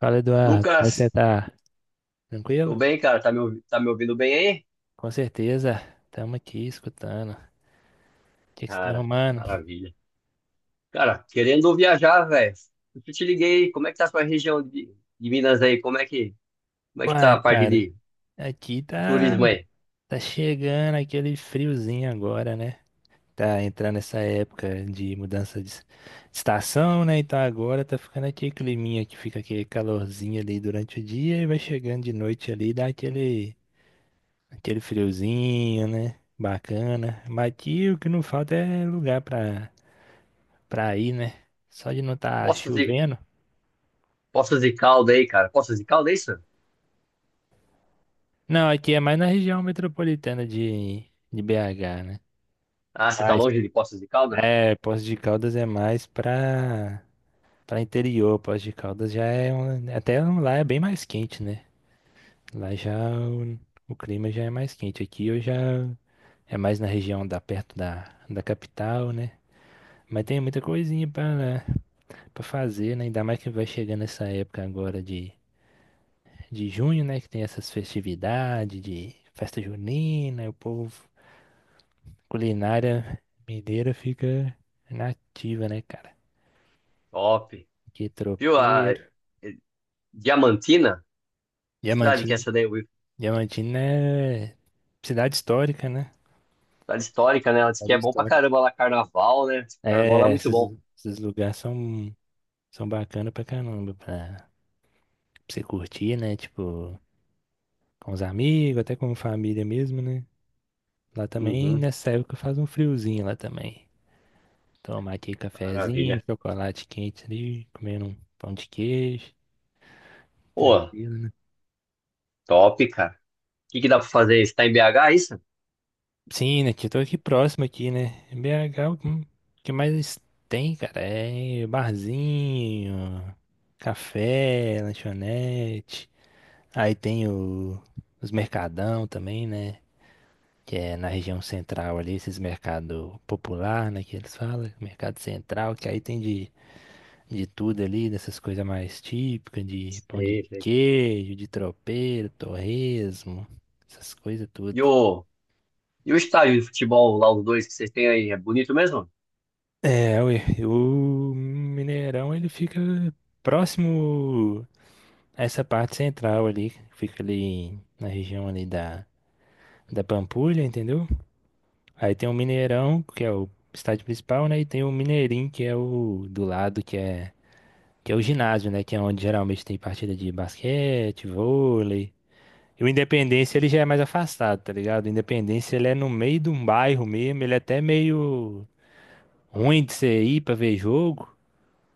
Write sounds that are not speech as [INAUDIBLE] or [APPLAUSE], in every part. Fala, Eduardo. Como é que você Lucas, tá? tô Tranquilo? bem, cara. Tá me ouvindo bem aí? Com certeza. Estamos aqui escutando. O que que você tá Cara, arrumando? maravilha. Cara, querendo viajar, velho. Eu te liguei. Como é que tá a sua de Minas aí? Como é que tá Uai, a cara, aqui de tá, turismo aí? tá chegando aquele friozinho agora, né? Tá entrando essa época de mudança de estação, né? Então agora tá ficando aquele climinha que fica aquele calorzinho ali durante o dia e vai chegando de noite ali, dá aquele friozinho, né? Bacana. Mas aqui o que não falta é lugar pra ir, né? Só de não estar Poços de, chovendo. Poços de Calda aí, cara. Poços de Calda, é isso? Não, aqui é mais na região metropolitana de BH, né? Ah, você tá Mas, longe de Poços de Calda? é, Poços de Caldas é mais pra interior. Poços de Caldas já é. Lá é bem mais quente, né? Lá já o, o clima já é mais quente. Aqui eu já. É mais na região da perto da capital, né? Mas tem muita coisinha pra fazer, né? Ainda mais que vai chegando essa época agora de junho, né? Que tem essas festividades de festa junina, e o povo. Culinária mineira fica nativa, né, cara? Top. Que Viu a tropeiro. eh, Diamantina? Que cidade que é Diamantino. essa daí? Will? Diamantino é cidade histórica, né? Cidade histórica, né? Ela disse que Cidade é bom pra histórica. caramba lá, carnaval, né? Diz que o Carnaval lá é É, muito esses, bom. esses lugares são bacanas pra caramba, pra você curtir, né? Tipo, com os amigos, até com família mesmo, né? Lá também, Uhum, nessa época, faz um friozinho lá também. Tomar aqui cafezinho, maravilha. chocolate quente ali, comer um pão de queijo, Pô, tranquilo, né? top, cara. O que que dá pra fazer? Você tá em BH, isso? Sim, né? Tio? Eu tô aqui próximo aqui, né? BH, o que mais tem, cara? É barzinho, café, lanchonete. Aí tem os mercadão também, né? Que é na região central ali, esses mercado popular, né? Que eles falam, mercado central, que aí tem de tudo ali, dessas coisas mais típicas, de pão de Sei, sei. queijo, de tropeiro, torresmo, essas coisas tudo. E o, e o estádio de futebol lá, os dois que vocês têm aí, é bonito mesmo? É, ué, o Mineirão ele fica próximo a essa parte central ali, fica ali na região ali da Pampulha, entendeu? Aí tem o Mineirão, que é o estádio principal, né? E tem o Mineirinho, que é o do lado, que é o ginásio, né? Que é onde geralmente tem partida de basquete, vôlei. E o Independência ele já é mais afastado, tá ligado? O Independência ele é no meio de um bairro mesmo, ele é até meio ruim de você ir pra ver jogo.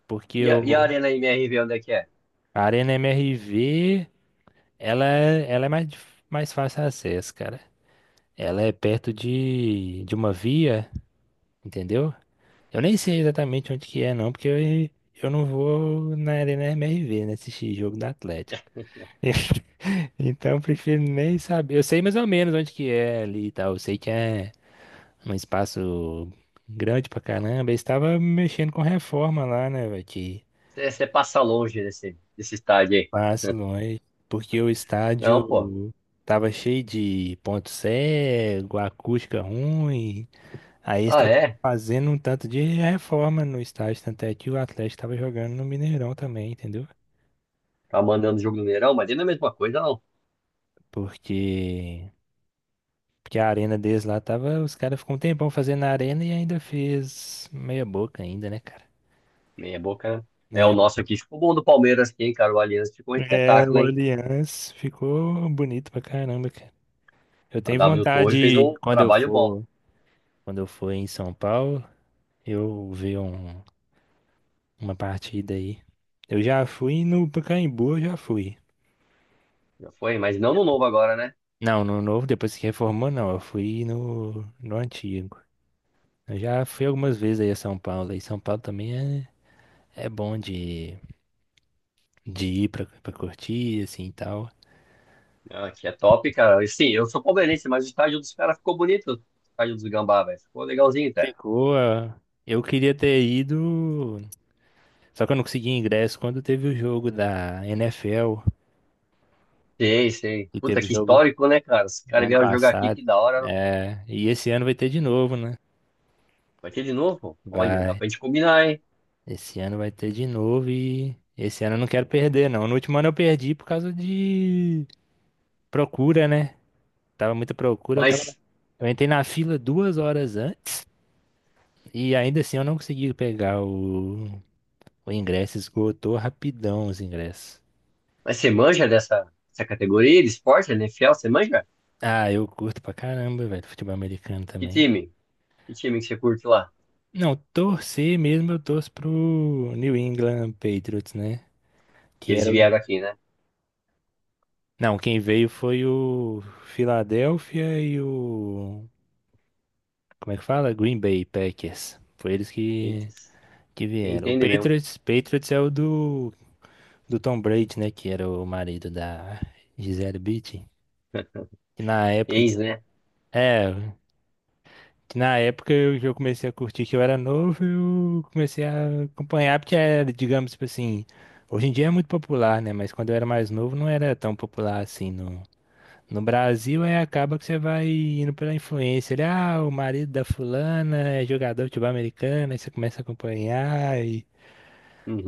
Porque E a o, Arena MRV, onde é que é? A Arena MRV, ela é mais fácil acesso, cara. Ela é perto de uma via, entendeu? Eu nem sei exatamente onde que é, não, porque eu não vou na Arena MRV, né, assistir jogo da Atlético. [LAUGHS] Então, eu prefiro nem saber. Eu sei mais ou menos onde que é ali e tal. Eu sei que é um espaço grande pra caramba. Eles estavam mexendo com reforma lá, né, velho? Você passa longe desse estádio aí. Passo longe, porque o Não, pô. estádio tava cheio de ponto cego, acústica ruim. Aí eles Ah, estavam é? fazendo um tanto de reforma no estádio, tanto é que o Atlético tava jogando no Mineirão também, entendeu? Tá mandando jogo no Mineirão, mas não é a mesma coisa, não. Porque, porque a arena deles lá tava, os caras ficam um tempão fazendo a arena e ainda fez meia boca ainda, né, cara? Meia boca, né? É, o É, mas- nosso aqui ficou bom do Palmeiras aqui, hein, cara? O Allianz ficou um é, o espetáculo, hein? Allianz ficou bonito pra caramba, cara. Eu A tenho W Torre fez vontade, um quando eu trabalho bom. for, quando eu for em São Paulo, eu vi uma partida aí. Eu já fui no Pacaembu, eu já fui. Já foi, mas não no novo agora, né? Não, no novo, depois que reformou, não. Eu fui no antigo. Eu já fui algumas vezes aí a São Paulo. E São Paulo também é bom de ir pra curtir, assim e tal. Ah, aqui é top, cara. E, sim, eu sou palmeirense, mas o estádio dos caras ficou bonito. O estádio dos Gambá, velho. Ficou legalzinho, cara. Ficou. Ah, eu queria ter ido. Só que eu não consegui ingresso quando teve o jogo da NFL. Sei, sei. E Puta, teve o que jogo histórico, né, cara? Os no caras ano vieram jogar aqui, passado. que da hora. É, e esse ano vai ter de novo, né? Vai ter de novo? Olha, dá Vai. pra gente combinar, hein? Esse ano vai ter de novo e esse ano eu não quero perder, não. No último ano eu perdi por causa de procura, né? Tava muita procura, eu tava. Mas, Eu entrei na fila 2 horas antes e ainda assim eu não consegui pegar o ingresso, esgotou rapidão os ingressos. mas você manja dessa categoria de esporte, NFL? Você manja? Ah, eu curto pra caramba, velho, futebol americano Que também. time? Que time que você curte lá? Não, torcer mesmo eu torço pro New England Patriots, né? Que Que eles era o... vieram aqui, né? Não, quem veio foi o Philadelphia e o... Como é que fala? Green Bay Packers. Foi eles Eita, que, você que vieram. O entende mesmo. Patriots é o do Tom Brady, né? Que era o marido da Gisele Bündchen. [LAUGHS] Que na época que, Ex, né? é, que na época eu, que eu comecei a curtir que eu era novo, eu comecei a acompanhar, porque era, digamos, tipo assim, hoje em dia é muito popular, né? Mas quando eu era mais novo não era tão popular assim no Brasil, é acaba que você vai indo pela influência. O marido da fulana é jogador de futebol americano, aí você começa a acompanhar e,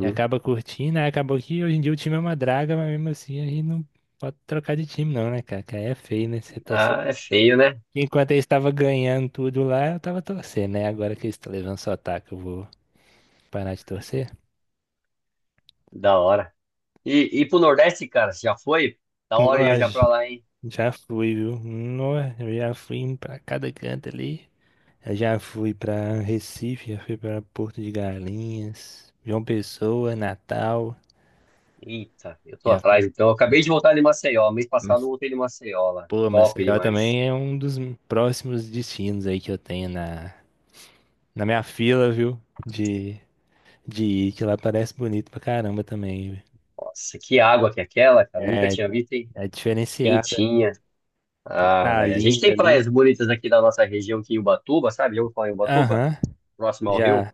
e acaba curtindo. Aí acabou que hoje em dia o time é uma draga, mas mesmo assim a gente não pode trocar de time, não, né, cara? Que aí é feio, né? Você torcer. Ah, é feio, né? Enquanto eu estava ganhando tudo lá, eu tava torcendo, né? Agora que eles estão levando só ataque, eu vou parar de torcer. Da hora. E pro Nordeste, cara, você já foi? Da hora viajar pra Nossa, lá, hein? já fui, viu? Nossa, eu já fui pra cada canto ali. Eu já fui pra Recife, já fui pra Porto de Galinhas, João Pessoa, Natal. Eita, eu tô Já fui. atrás então. Eu acabei de voltar de Maceió. Mês passado eu Mas, voltei de Maceió lá. pô, Top Maceió demais. também é um dos próximos destinos aí que eu tenho na minha fila, viu? De, de ir, que lá parece bonito pra caramba também. Viu? Nossa, que água que é aquela, cara. Nunca É, tinha visto, hein? é diferenciada, Quentinha. Ah, velho. A gente cristalina tem ali. praias bonitas aqui da nossa região, aqui em Ubatuba, sabe? Já ouviu falar em Ubatuba? Aham, Próximo ao rio. já.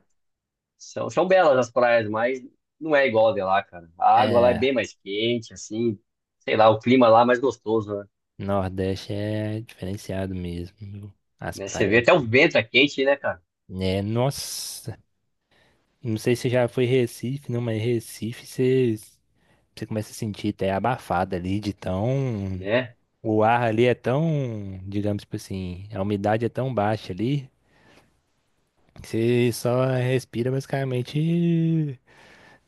São belas as praias, mas não é igual a de lá, cara. A água lá é bem É, mais quente, assim. Sei lá, o clima lá é mais gostoso, né? Nordeste é diferenciado mesmo, viu? As Né? Você vê praias, até o né? vento é quente, né, cara? É, nossa. Não sei se já foi Recife, não, mas Recife você começa a sentir até abafado ali de tão. Né? O ar ali é tão, digamos tipo assim, a umidade é tão baixa ali que você só respira basicamente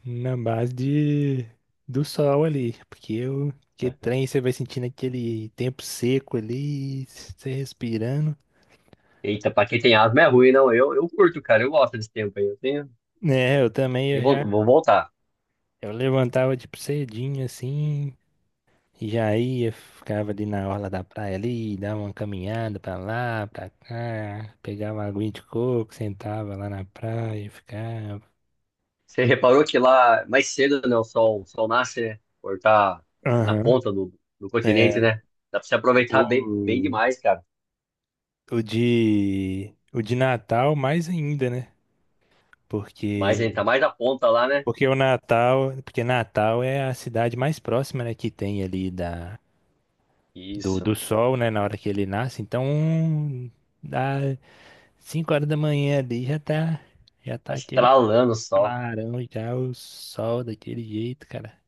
na base do sol ali. Porque o que [LAUGHS] trem você vai sentindo aquele tempo seco ali, você respirando. Eita, pra quem tem asma é ruim, não. Eu curto, cara. Eu gosto desse tempo aí. Eu tenho. É, eu também, Vou voltar. eu levantava tipo cedinho assim. Já ia, ficava ali na orla da praia ali, dava uma caminhada pra lá, pra cá, pegava uma aguinha de coco, sentava lá na praia, ficava. Você reparou que lá mais cedo, né, o sol nasce, né? Por estar na Aham. Do continente, É, né? Dá pra se aproveitar bem, bem o, demais, cara. o de Natal mais ainda, né? Mas a Porque, gente tá mais na ponta lá, né? porque Natal é a cidade mais próxima, né, que tem ali da, do, Isso. do sol, né, na hora que ele nasce. Então, dá 5 horas da manhã ali já tá, Tá aquele estralando o sol. clarão, já o sol daquele jeito, cara.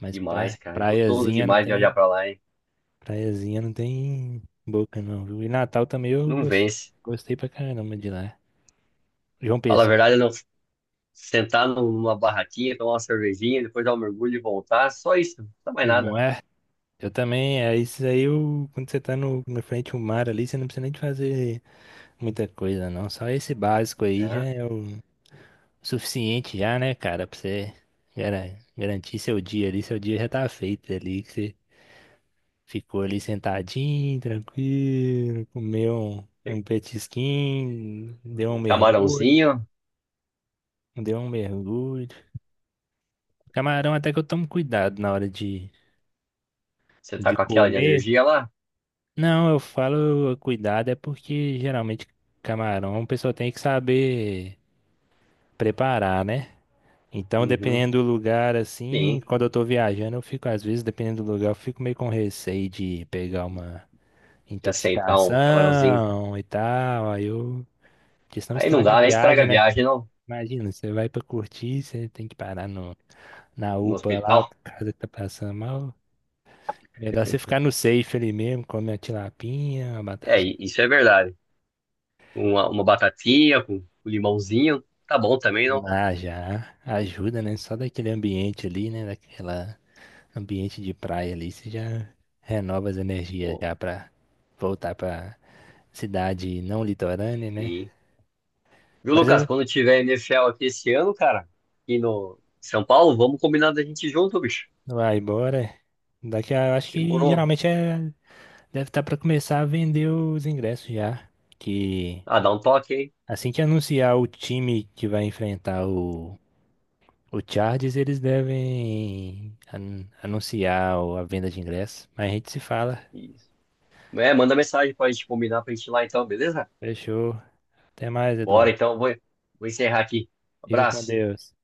Mas Demais, cara. Gostoso demais de olhar pra lá, hein? praiazinha não tem boca não, viu? E Natal também eu Não gos- vence. gostei pra caramba de lá. João Fala a Pessoa, verdade, não. Sentar numa barraquinha, tomar uma cervejinha, depois dar um mergulho e voltar. Só isso. Não dá mais não nada. é? Eu também, é isso aí, eu, quando você tá no, na frente do mar ali, você não precisa nem de fazer muita coisa não. Só esse básico aí já É. é o suficiente já, né, cara, pra você garantir seu dia ali, seu dia já tá feito ali. Ficou ali sentadinho, tranquilo, comeu um petisquinho, deu um Um mergulho, camarãozinho. deu um mergulho. Camarão até que eu tomo cuidado na hora de, Você tá de com aquela de comer. energia lá? Não, eu falo cuidado é porque geralmente camarão a pessoa tem que saber preparar, né? Então, Uhum. dependendo do lugar, assim, Sim. quando eu tô viajando, eu fico, às vezes, dependendo do lugar, eu fico meio com receio de pegar uma De aceitar um camarãozinho. intoxicação e tal. Aí eu. Porque senão Aí não estraga a dá, né? Estraga viagem, a né? viagem não, Imagina, você vai pra curtir, você tem que parar no, na no UPA lá, hospital. por causa que tá passando mal. Melhor você ficar no safe ali mesmo, comer uma tilapinha, uma É, batatinha. Isso é verdade. Uma batatinha com limãozinho, tá bom também, não? Ah, já ajuda, né? Só daquele ambiente ali, né? Daquela ambiente de praia ali, você já renova as energias Pô, já pra voltar pra cidade não litorânea, né? sim. Viu, Mas Lucas? eu, Quando tiver NFL aqui esse ano, cara, aqui no São Paulo, vamos combinar da gente ir junto, bicho. vai embora. Daqui a, acho que Demorou. geralmente é. Deve estar para começar a vender os ingressos já. Que Ah, dá um toque, hein? assim que anunciar o time que vai enfrentar o Chargers, eles devem anunciar a venda de ingressos. Mas a gente se fala. Isso. É, manda mensagem pra gente combinar pra gente ir lá então, beleza? Fechou. Até mais, Bora Eduardo. então, vou encerrar aqui. Fica com Abraço. Deus.